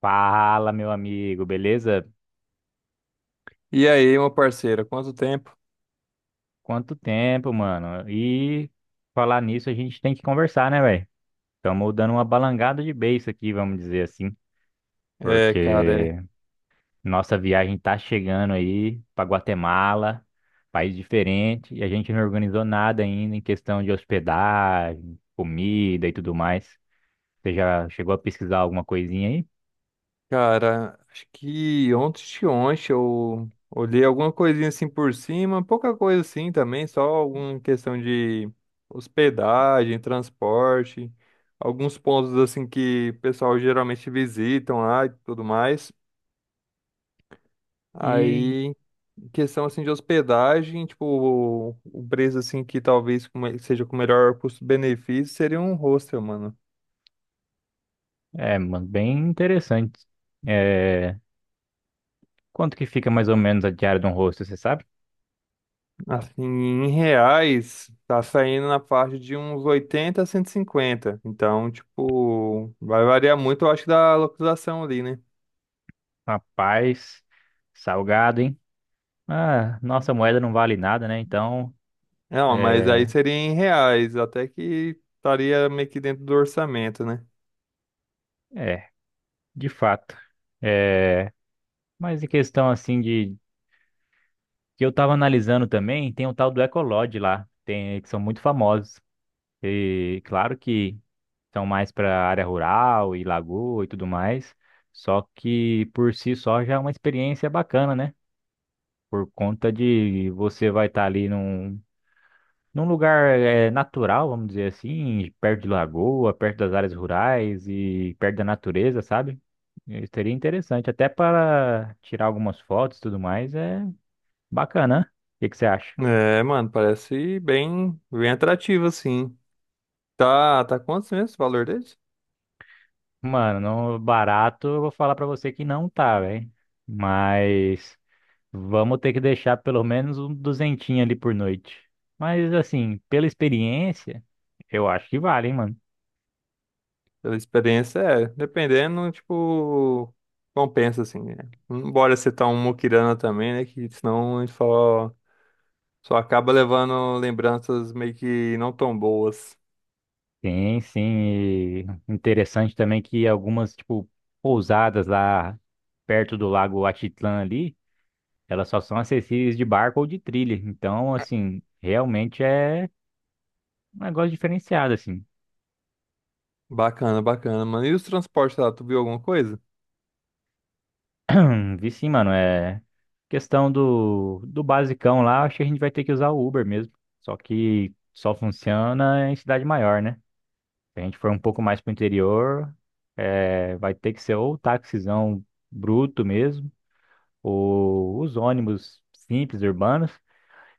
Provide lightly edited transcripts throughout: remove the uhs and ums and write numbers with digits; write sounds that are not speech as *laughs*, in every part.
Fala, meu amigo, beleza? E aí, meu parceiro, quanto tempo? Quanto tempo, mano? E falar nisso, a gente tem que conversar, né, velho? Estamos dando uma balangada de beiço aqui, vamos dizer assim, porque É. nossa viagem tá chegando aí para Guatemala, país diferente, e a gente não organizou nada ainda em questão de hospedagem, comida e tudo mais. Você já chegou a pesquisar alguma coisinha aí? Cara, acho que ontem de ontem eu olhei alguma coisinha assim por cima, pouca coisa assim também, só alguma questão de hospedagem, transporte, alguns pontos assim que o pessoal geralmente visitam lá e tudo mais. E Aí, em questão assim de hospedagem, tipo, o preço assim que talvez seja com o melhor custo-benefício seria um hostel, mano. é, mano, bem interessante. É, quanto que fica mais ou menos a diária de um rosto, você sabe? Assim, em reais, tá saindo na faixa de uns 80 a 150. Então, tipo, vai variar muito, eu acho, da localização ali, né? Rapaz, salgado, hein? Ah, nossa moeda não vale nada, né? Então, Não, mas aí é, seria em reais, até que estaria meio que dentro do orçamento, né? é, de fato. É, mas em questão assim de que eu tava analisando também, tem o tal do Ecolodge lá, tem que são muito famosos. E claro que são mais para área rural e lagoa e tudo mais, só que por si só já é uma experiência bacana, né? Por conta de você vai estar ali num lugar natural, vamos dizer assim, perto de lagoa, perto das áreas rurais e perto da natureza, sabe? Seria interessante, até para tirar algumas fotos e tudo mais, é bacana, né? O que que você acha? É, mano, parece bem atrativo, assim. Tá, tá quantos mesmo o valor desse? Mano, não barato, eu vou falar pra você que não tá, velho. Mas vamos ter que deixar pelo menos um duzentinho ali por noite. Mas assim, pela experiência, eu acho que vale, hein, mano. Pela experiência, é, dependendo, tipo, compensa, assim, né? Não bora ser tão muquirana também, né? Que senão a gente fala, ó, só acaba levando lembranças meio que não tão boas. Sim, sim. e Interessante também que algumas, tipo, pousadas lá perto do Lago Atitlã ali, elas só são acessíveis de barco ou de trilha. Então, assim, realmente é um negócio diferenciado, assim. Bacana, bacana, mano. E os transportes lá, tu viu alguma coisa? Vi sim, mano. É questão do basicão lá, acho que a gente vai ter que usar o Uber mesmo. Só que só funciona em cidade maior, né? Se a gente for um pouco mais pro interior, é, vai ter que ser ou táxizão bruto mesmo, os ônibus simples, urbanos,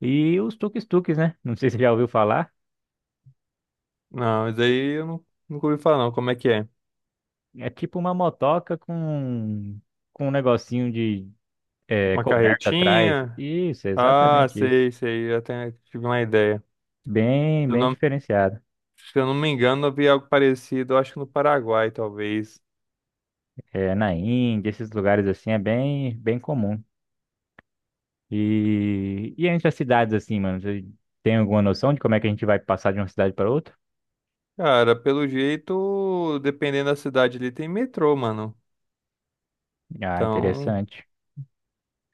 e os tuk-tuks, né? Não sei se você já ouviu falar. Não, isso aí eu não, nunca ouvi falar, não. Como é que é? É tipo uma motoca com um negocinho de Uma coberta atrás. carretinha? Isso, é Ah, exatamente isso. sei, sei. Eu até tive uma ideia. Bem, Se eu bem não, diferenciado. se eu não me engano, eu vi algo parecido, eu acho que no Paraguai, talvez. É, na Índia, esses lugares assim é bem, bem comum. E entre as cidades assim, mano, você tem alguma noção de como é que a gente vai passar de uma cidade para outra? Cara, pelo jeito, dependendo da cidade ali, tem metrô, mano. Ah, Então, interessante.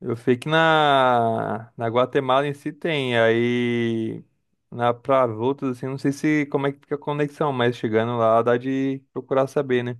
eu sei que na Guatemala em si tem, aí na para outros assim, não sei se como é que fica a conexão, mas chegando lá dá de procurar saber, né?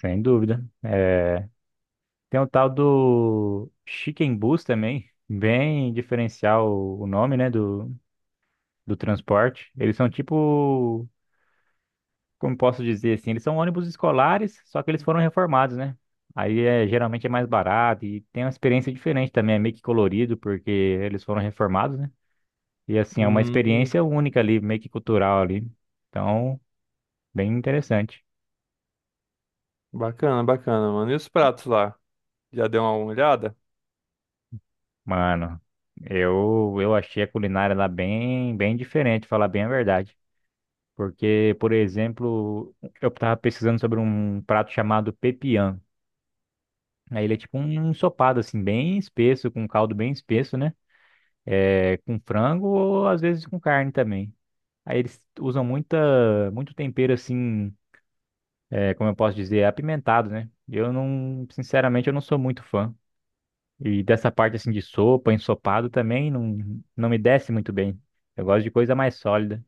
Sem dúvida. É, tem o tal do Chicken Bus também, bem diferencial o nome, né, do transporte. Eles são tipo, como posso dizer assim, eles são ônibus escolares, só que eles foram reformados, né? Aí é, geralmente é mais barato e tem uma experiência diferente também, é meio que colorido, porque eles foram reformados, né? E assim, é uma Hum, experiência única ali, meio que cultural ali. Então, bem interessante. bacana, bacana, mano. E os pratos lá? Já deu uma olhada? Mano, eu achei a culinária lá bem, bem diferente, falar bem a verdade. Porque, por exemplo, eu estava pesquisando sobre um prato chamado pepian. Aí ele é tipo um ensopado, assim, bem espesso, com um caldo bem espesso, né? É, com frango ou às vezes com carne também. Aí eles usam muito tempero, assim, é, como eu posso dizer, apimentado, né? Eu não, sinceramente, eu não sou muito fã. E dessa parte, assim, de sopa, ensopado também não, não me desce muito bem. Eu gosto de coisa mais sólida.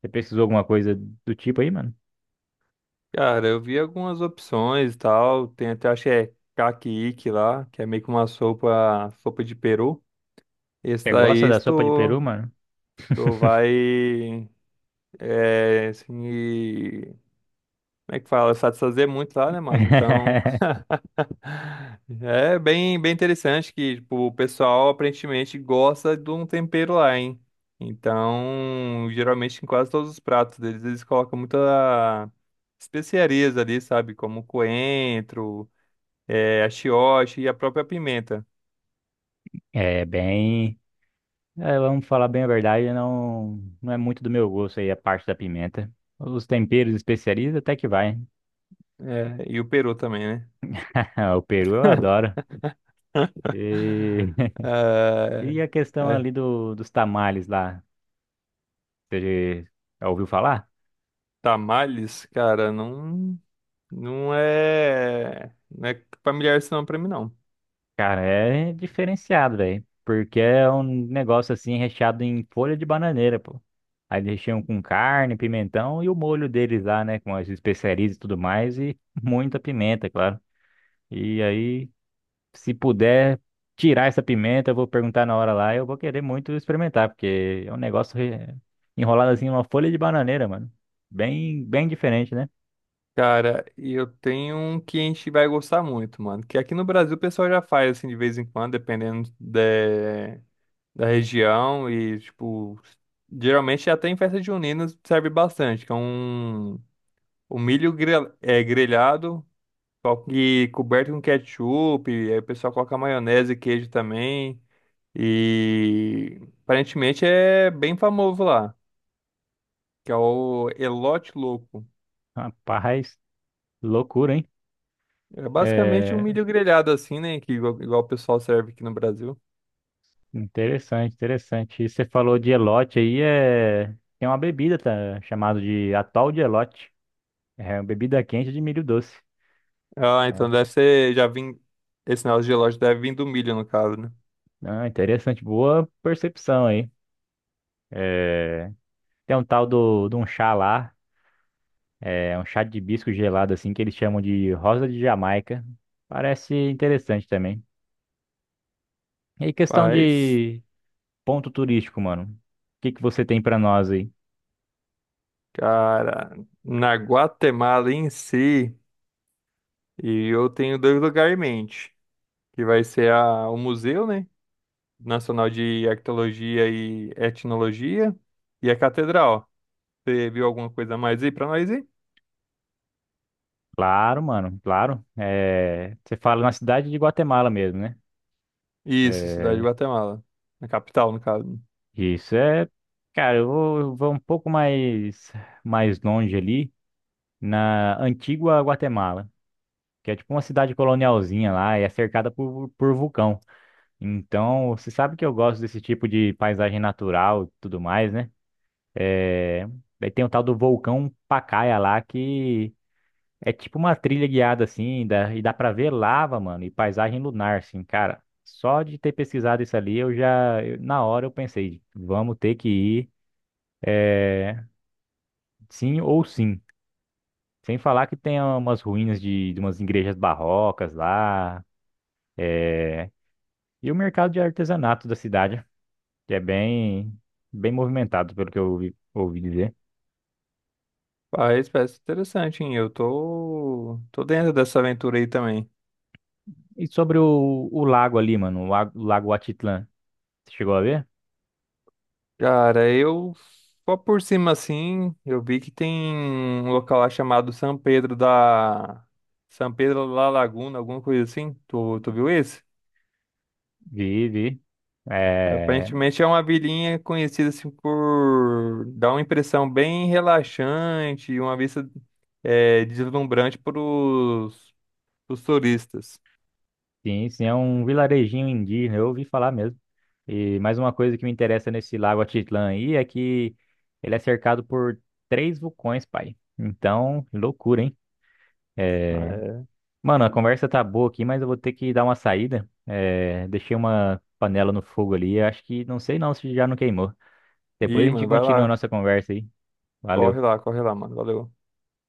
Você pesquisou alguma coisa do tipo aí, mano? Cara, eu vi algumas opções e tal. Tem até, acho que é caquique lá, que é meio que uma sopa, sopa de peru. Esse Você gosta daí da sopa de tu, peru, mano? tu vai, é, assim, como é que fala? Satisfazer muito lá, né, mano? Então, *laughs* é bem interessante que tipo, o pessoal aparentemente gosta de um tempero lá, hein? Então, geralmente em quase todos os pratos deles, eles colocam muita especiarias ali, sabe? Como coentro, é, achiote e a própria pimenta. É bem. É, vamos falar bem a verdade, não, não é muito do meu gosto aí a parte da pimenta. Os temperos e especiarias até que vai. É, e o peru também, né? *laughs* O peru eu adoro. E, *laughs* Ah, e a questão é, ali dos tamales lá, você já ouviu falar? tamales, cara, não, não é familiar isso não pra mim, não. Cara, é diferenciado, velho. Porque é um negócio assim recheado em folha de bananeira, pô. Aí eles recheiam com carne, pimentão e o molho deles lá, né? Com as especiarias e tudo mais e *laughs* muita pimenta, claro. E aí, se puder tirar essa pimenta, eu vou perguntar na hora lá. Eu vou querer muito experimentar, porque é um negócio enrolado assim, numa folha de bananeira, mano. Bem, bem diferente, né? Cara, e eu tenho um que a gente vai gostar muito, mano. Que aqui no Brasil o pessoal já faz, assim, de vez em quando, dependendo da região. E, tipo, geralmente até em festa junina serve bastante. Que é um milho é, grelhado só que coberto com ketchup. E aí o pessoal coloca maionese e queijo também. E aparentemente é bem famoso lá. Que é o Elote Louco. Rapaz, loucura, hein? É basicamente um É milho grelhado assim, né? Que igual o pessoal serve aqui no Brasil. interessante, interessante. E você falou de elote aí, é... tem uma bebida, tá, chamada de atol de elote. É uma bebida quente de milho doce. Ah, Ah, então deve ser, já vim, esse negócio de gelógio deve vir do milho, no caso, né? Ah, interessante, boa percepção aí. É, tem um tal de um chá lá. É um chá de hibisco gelado, assim, que eles chamam de rosa de Jamaica. Parece interessante também. E aí, questão Mas, de ponto turístico, mano. O que que você tem pra nós aí? cara, na Guatemala em si, e eu tenho 2 lugares em mente, que vai ser o Museu, né? Nacional de Arqueologia e Etnologia e a Catedral. Você viu alguma coisa a mais aí pra nós aí? Claro, mano, claro. É, você fala na cidade de Guatemala mesmo, né? Isso, cidade de É, Guatemala, na capital, no caso. isso é... Cara, eu vou um pouco mais, mais longe ali, na Antigua Guatemala, que é tipo uma cidade colonialzinha lá e é cercada por vulcão. Então, você sabe que eu gosto desse tipo de paisagem natural e tudo mais, né? É... Daí tem o tal do vulcão Pacaya lá, que é tipo uma trilha guiada, assim, dá... e dá pra ver lava, mano, e paisagem lunar, assim, cara. Só de ter pesquisado isso ali, eu já, na hora eu pensei, vamos ter que ir, é, sim ou sim. Sem falar que tem umas ruínas de umas igrejas barrocas lá, é, e o mercado de artesanato da cidade, que é bem, bem movimentado, pelo que eu ouvi, ouvi dizer. Faz, parece interessante, hein? Eu tô dentro dessa aventura aí também. E sobre o lago ali, mano, o lago Atitlã, você chegou a ver? Cara, eu só por cima assim, eu vi que tem um local lá chamado São Pedro da Laguna, alguma coisa assim. Tu viu esse? Vi, vi. É, Aparentemente é uma vilinha conhecida assim por dar uma impressão bem relaxante, e uma vista é, deslumbrante para os turistas. sim, sim, é um vilarejinho indígena, eu ouvi falar mesmo. E mais uma coisa que me interessa nesse lago Atitlã aí é que ele é cercado por três vulcões, pai. Então, loucura, hein? É, É, mano, a conversa tá boa aqui, mas eu vou ter que dar uma saída. É, deixei uma panela no fogo ali, acho que, não sei não se já não queimou. Depois a ih, gente mano, vai continua a lá. nossa conversa aí. Corre Valeu. lá, corre lá, mano. Valeu.